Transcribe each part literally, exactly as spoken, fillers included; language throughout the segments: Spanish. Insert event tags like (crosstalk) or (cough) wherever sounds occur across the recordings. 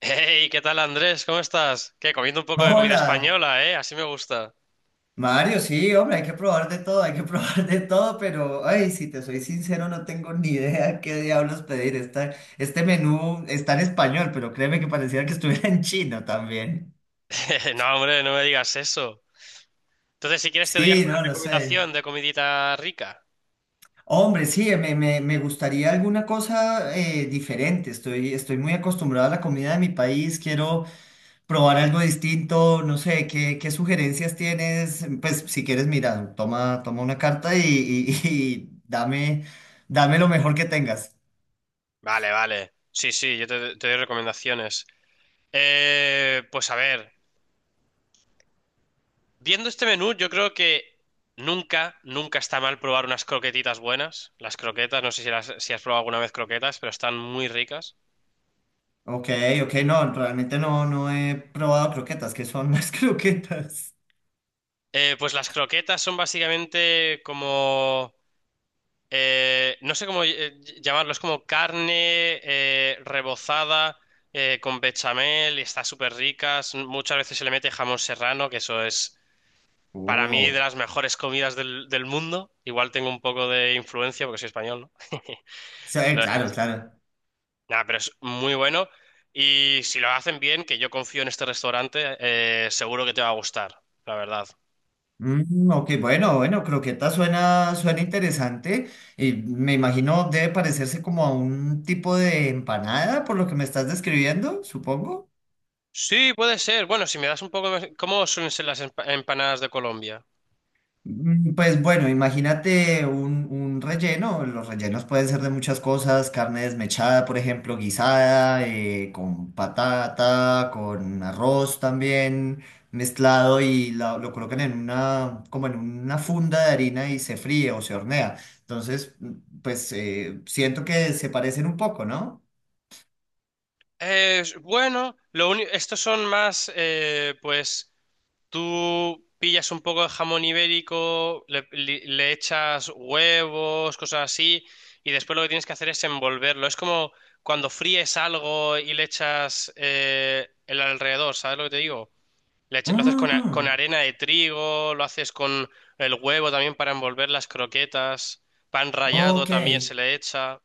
Hey, ¿qué tal Andrés? ¿Cómo estás? ¿Qué? Comiendo un poco de comida Hola, española, ¿eh? Así me gusta. Mario, sí, hombre, hay que probar de todo, hay que (laughs) probar de todo, pero, ay, si te soy sincero, no tengo ni idea (laughs) qué diablos pedir. Esta- este menú está en español, pero créeme que parecía que estuviera en chino también. (laughs) No, hombre, no me digas eso. Entonces, si quieres, te doy Sí, alguna no, no sé. recomendación de comidita rica. Hombre, sí, me, me- me gustaría alguna cosa eh, diferente. Estoy, estoy muy acostumbrado a la comida de mi país, quiero probar algo distinto, no sé, ¿qué, qué sugerencias tienes? Pues si quieres, mira, toma, toma una carta y, y- (laughs) y dame, dame lo mejor que tengas. Vale, vale. Sí, sí, yo te, te doy recomendaciones. Eh, pues a ver, viendo este menú, yo creo que nunca, nunca está mal probar unas croquetitas buenas. Las croquetas, no sé si, las- si has probado alguna vez croquetas, pero están muy ricas. Ok, ok, no, realmente no, no he probado croquetas, ¿qué son las (laughs) croquetas? Eh, pues las croquetas son básicamente como... eh, no sé cómo eh, llamarlo, es como carne eh, rebozada eh, con bechamel y está súper rica. S- Muchas veces se le mete jamón serrano, que eso es para mí de Oh, las mejores comidas del, del mundo. Igual tengo un poco de influencia porque soy español, ¿no? sí, (laughs) eh, Pero, claro, es- claro. nada, pero es muy bueno y si lo hacen bien, que yo confío en este restaurante, eh, seguro que te va a gustar, la verdad. Mm, ok, bueno, bueno, croqueta suena, suena interesante y me imagino debe parecerse como a un tipo de empanada por lo que me estás describiendo, supongo. Sí, puede ser. Bueno, si me das un poco, más- ¿cómo suelen ser las empa- empanadas de Colombia? Mm, Pues bueno, imagínate un, un relleno. Los rellenos pueden ser de muchas cosas, carne desmechada, por ejemplo, guisada, eh, con patata, con arroz también mezclado y la- lo colocan en una, como en una funda de harina y se fríe o se hornea. Entonces, mm, pues eh, siento que se parecen un poco, ¿no? Eh, bueno, lo único, estos son más, eh, pues tú pillas un poco de jamón ibérico, le, li- le echas huevos, cosas así, y después lo que tienes que hacer es envolverlo. Es como cuando fríes algo y le echas eh, el alrededor, ¿sabes lo que te digo? Le echa- lo haces con, a- con Mm, arena de trigo, lo haces con el huevo también para envolver las croquetas, pan rallado ok. también se le echa.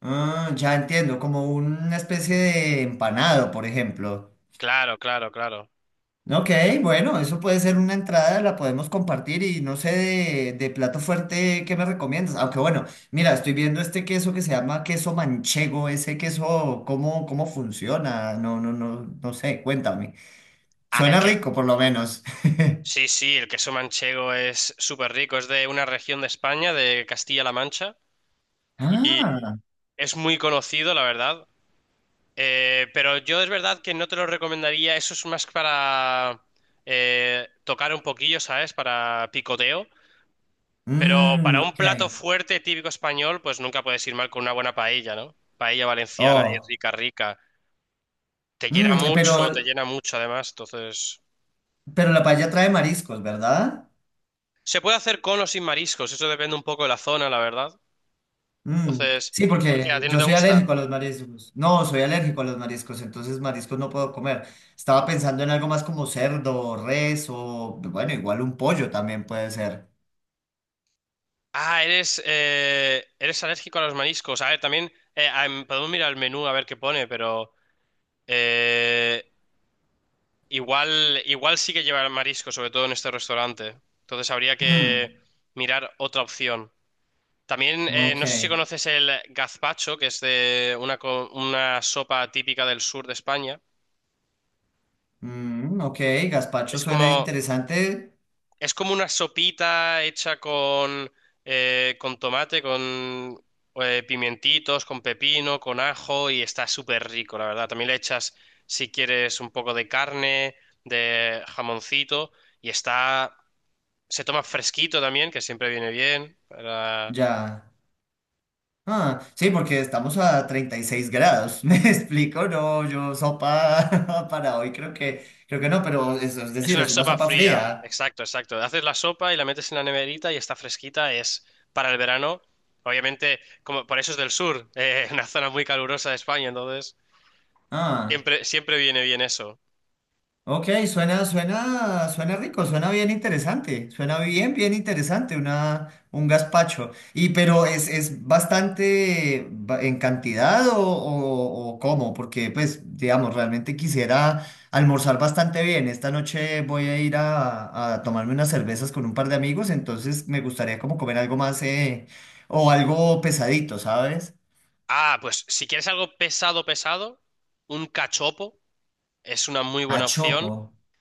Ah, ya entiendo, como una especie de empanado, por ejemplo. Claro, claro, claro. Ok, bueno, eso puede ser una entrada, la podemos compartir y no sé de, de plato fuerte qué me recomiendas. Aunque bueno, mira, estoy viendo este queso que se llama queso manchego, ese queso, ¿cómo, cómo funciona? No, no, no, no sé, cuéntame. Suena rico por lo menos. (laughs) Sí, sí, el queso manchego es súper rico, es de una región de España, de Castilla-La Mancha, y Ah, es muy conocido, la verdad. Eh, pero yo es verdad que no te lo recomendaría, eso es más para eh, tocar un poquillo, ¿sabes? Para picoteo. Pero mmm, para un ok. plato fuerte típico español, pues nunca puedes ir mal con una buena paella, ¿no? Paella valenciana y Oh, rica, rica. Te llena mm, mucho, te pero, llena mucho además, entonces... pero la paella trae mariscos, ¿verdad? Se puede hacer con o sin mariscos, eso depende un poco de la zona, la verdad. Mm, Entonces, sí, ¿por qué? ¿A porque ti no yo te soy gustan? alérgico a los mariscos. No, soy alérgico a los mariscos, entonces mariscos no puedo comer. Estaba pensando en algo más como cerdo, res o, bueno, igual un pollo también puede ser. Ah, eres, eh, eres alérgico a los mariscos. A ver, también eh, ah, em, podemos mirar el menú a ver qué pone, pero eh, igual, igual sí que lleva marisco, sobre todo en este restaurante. Entonces habría Mm, que mirar otra opción. También eh, ok. no sé si conoces el gazpacho, que es de una, co- una sopa típica del sur de España. Mm, ok, gazpacho Es suena como interesante. Es como una sopita hecha con, eh, con tomate, con eh, pimientitos, con pepino, con ajo y está súper rico, la verdad. También le echas, si quieres, un poco de carne, de jamoncito y está... Se toma fresquito también, que siempre viene bien. para- Ya. Ah, sí, porque estamos a treinta y seis grados. (laughs) ¿Me explico? No, yo sopa (laughs) para hoy creo que, creo que no, pero eso es Es decir, una es una sopa sopa fría, fría. exacto, exacto. Haces la sopa y la metes en la neverita y está fresquita, es para el verano. Obviamente, como por eso es del sur, eh, (laughs) una zona muy calurosa de España, entonces... Ah. Siempre, siempre viene bien eso. Ok, suena, suena, suena rico, suena bien interesante, suena bien, bien interesante, una, un gazpacho. Y pero es, es bastante ba- en cantidad o, o, o cómo, porque pues, digamos, realmente quisiera almorzar bastante bien. Esta noche voy a ir a, a tomarme unas cervezas con un par de amigos, entonces me gustaría como comer algo más eh, o algo pesadito, ¿sabes? Ah, pues si quieres algo pesado, pesado, un cachopo es una muy A buena opción, chopo.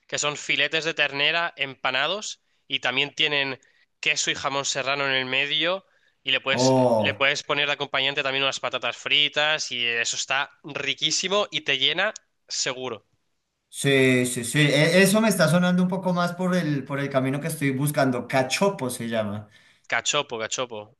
que son filetes de ternera empanados y también tienen queso y jamón serrano en el medio y le puedes, le Oh. puedes poner de acompañante también unas patatas fritas y eso está riquísimo y te llena seguro. Sí, sí, sí. E- Eso me está sonando un poco más por el, por el camino que estoy buscando. Cachopo se llama. Cachopo, cachopo.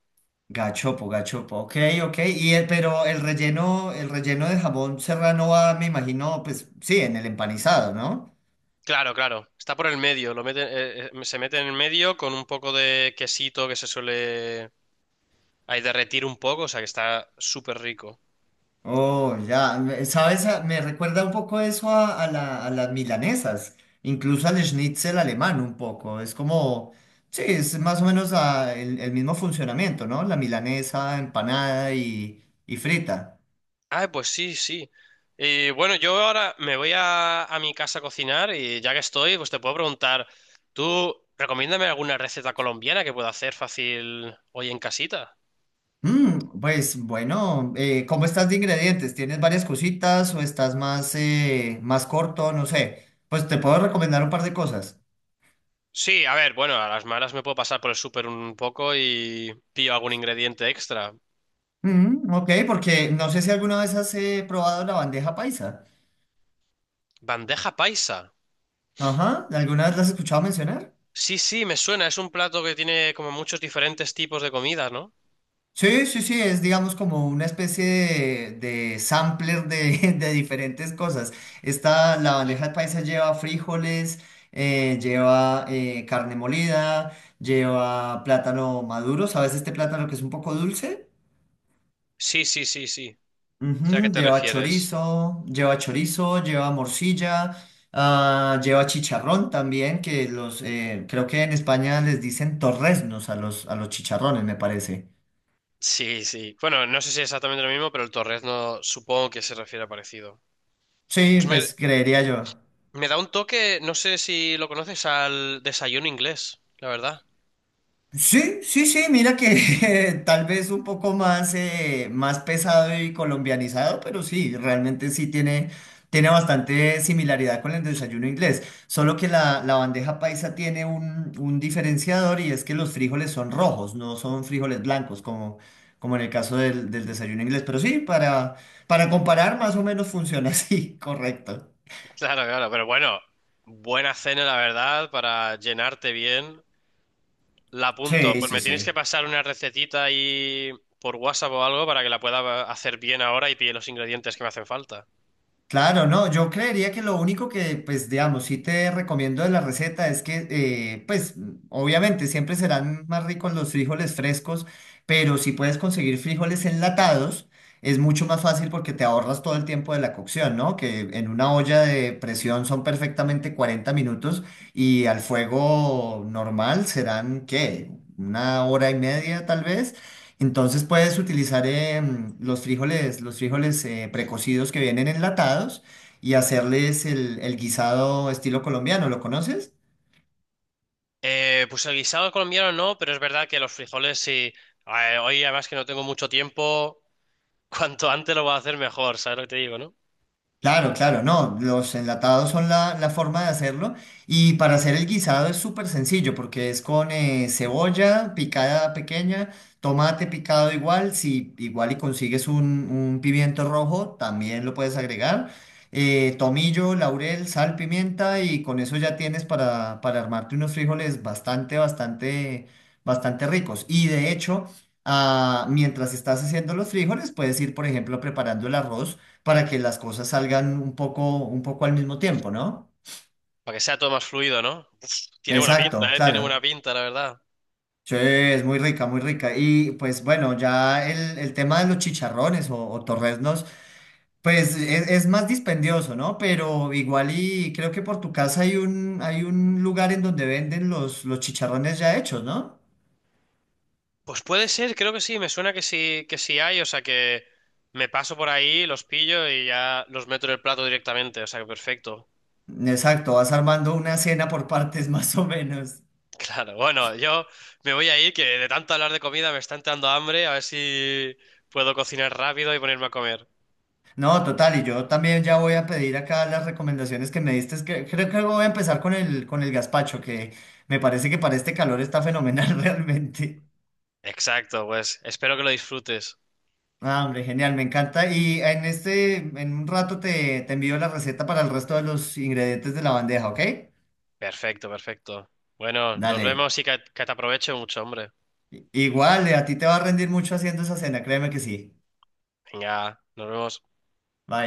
Gachopo, gachopo. Ok, ok. Y el- pero el relleno, el relleno de jamón serrano va, me imagino, pues sí, en el empanizado, ¿no? Claro, claro. Está por el medio. Lo meten- eh, eh, se mete en el medio con un poco de quesito que se suele ahí derretir un poco, o sea que está súper rico. Oh, ya. Me- ¿Sabes? A- Me recuerda un poco eso a, a la- a las milanesas. Incluso al schnitzel alemán un poco. Es como, sí, es más o menos ah, el, el mismo funcionamiento, ¿no? La milanesa empanada y, y frita. Ah, pues sí, sí. Y bueno, yo ahora me voy a, a mi casa a cocinar y ya que estoy, pues te puedo preguntar, ¿tú recomiéndame alguna receta colombiana que pueda hacer fácil hoy en casita? Mm, pues bueno, eh, ¿cómo estás de ingredientes? ¿Tienes varias cositas o estás más, eh, más corto? No sé. Pues te puedo recomendar un par de cosas. Sí, a ver, bueno, a las malas me puedo pasar por el súper un poco y pillo algún ingrediente extra. Mm, ok, porque no sé si alguna vez has eh, probado la bandeja paisa. Bandeja paisa. Ajá, ¿alguna vez la has escuchado mencionar? Sí, sí, me suena, es un plato que tiene como muchos diferentes tipos de comidas, ¿no? Sí, sí, sí, es digamos como una especie de, de sampler de, (laughs) de diferentes cosas. Esta, la bandeja paisa lleva frijoles, eh, lleva eh, carne molida, lleva plátano maduro, ¿sabes este plátano que es un poco dulce? Sí, sí, sí, sí. O ¿a qué Ujú, te lleva refieres? chorizo, lleva chorizo, lleva morcilla, ah, lleva chicharrón también, que los, eh, creo que en España les dicen torreznos a los, a los, chicharrones, me parece. Sí, sí. Bueno, no sé si es exactamente lo mismo, pero el torrezno supongo que se refiere a parecido. Sí, Pues me, pues creería yo. me da un toque, no sé si lo conoces, al desayuno inglés, la verdad. (laughs) Sí, sí, sí, mira que (laughs) tal vez un poco más, eh, más pesado y colombianizado, pero sí, realmente sí tiene, tiene bastante similaridad con el desayuno inglés, solo que la, la bandeja paisa tiene un, un diferenciador y es que los frijoles son rojos, no son frijoles blancos como, como en el caso del, del desayuno inglés, pero sí, para, para comparar más o menos funciona (laughs) así, correcto. Claro, claro, pero bueno, buena cena, la verdad, para llenarte bien. La apunto. Sí, Pues sí, me tienes que sí. pasar una recetita ahí por WhatsApp o algo para que la pueda hacer bien ahora y pille los ingredientes que me hacen falta. Claro, no, yo creería que lo único que, pues, digamos, sí te recomiendo de la receta es que, eh, pues, mm, obviamente siempre serán más ricos los frijoles frescos, pero si puedes conseguir frijoles enlatados, es mucho más fácil porque te ahorras todo el tiempo de la cocción, ¿no? Que en una olla de presión son perfectamente cuarenta minutos y al fuego normal serán, ¿qué? Una hora y media tal vez. Entonces puedes utilizar em, los frijoles, los frijoles eh, precocidos que vienen enlatados y hacerles el, el guisado estilo colombiano. ¿Lo conoces? Eh, pues el guisado colombiano no, pero es verdad que los frijoles sí. Eh, hoy además que no tengo mucho tiempo. Cuanto antes lo vas a hacer mejor, ¿sabes lo que te digo, no? Claro, claro, no, los enlatados son la, la forma de hacerlo y para hacer el guisado es súper sencillo porque es con eh, cebolla picada pequeña, tomate picado igual, si igual y consigues un, un pimiento rojo también lo puedes agregar, eh, tomillo, laurel, sal, pimienta y con eso ya tienes para, para armarte unos frijoles bastante, bastante, bastante ricos y de hecho... ah, mientras estás haciendo los frijoles, puedes ir, por ejemplo, preparando el arroz para que las cosas salgan un poco, un poco al mismo tiempo, ¿no? Para que sea todo más fluido, ¿no? Uf, tiene buena Exacto, pinta, ¿eh? Tiene buena claro. pinta, la verdad. Sí, es muy rica, muy rica. Y pues bueno, ya el, el tema de los chicharrones o, o torreznos, pues es, es más dispendioso, ¿no? Pero igual y creo que por tu casa hay un, hay un lugar en donde venden los, los chicharrones ya hechos, ¿no? Pues puede ser, creo que sí, me suena que sí, que sí hay, o sea que me paso por ahí, los pillo y ya los meto en el plato directamente, o sea que perfecto. (laughs) Exacto, vas armando una cena por partes (laughs) más o menos. Claro, bueno, yo me voy a ir, que de tanto hablar de comida me está entrando hambre, a ver si puedo cocinar rápido y ponerme a comer. No, total, y yo también ya voy a pedir acá las recomendaciones que me diste. Es que creo que voy a empezar con el, con el gazpacho, que me parece que para este calor está fenomenal (laughs) realmente. Exacto, pues espero que lo disfrutes. Ah, hombre, genial, me encanta. Y en este, en un rato te, te envío la receta para el resto de los ingredientes de la bandeja, ¿ok? Perfecto, perfecto. Bueno, nos Dale. vemos y que, que te aproveche mucho, hombre. I- Igual, eh, a ti te va a rendir mucho haciendo esa cena, créeme que sí. Venga, nos vemos. Bye.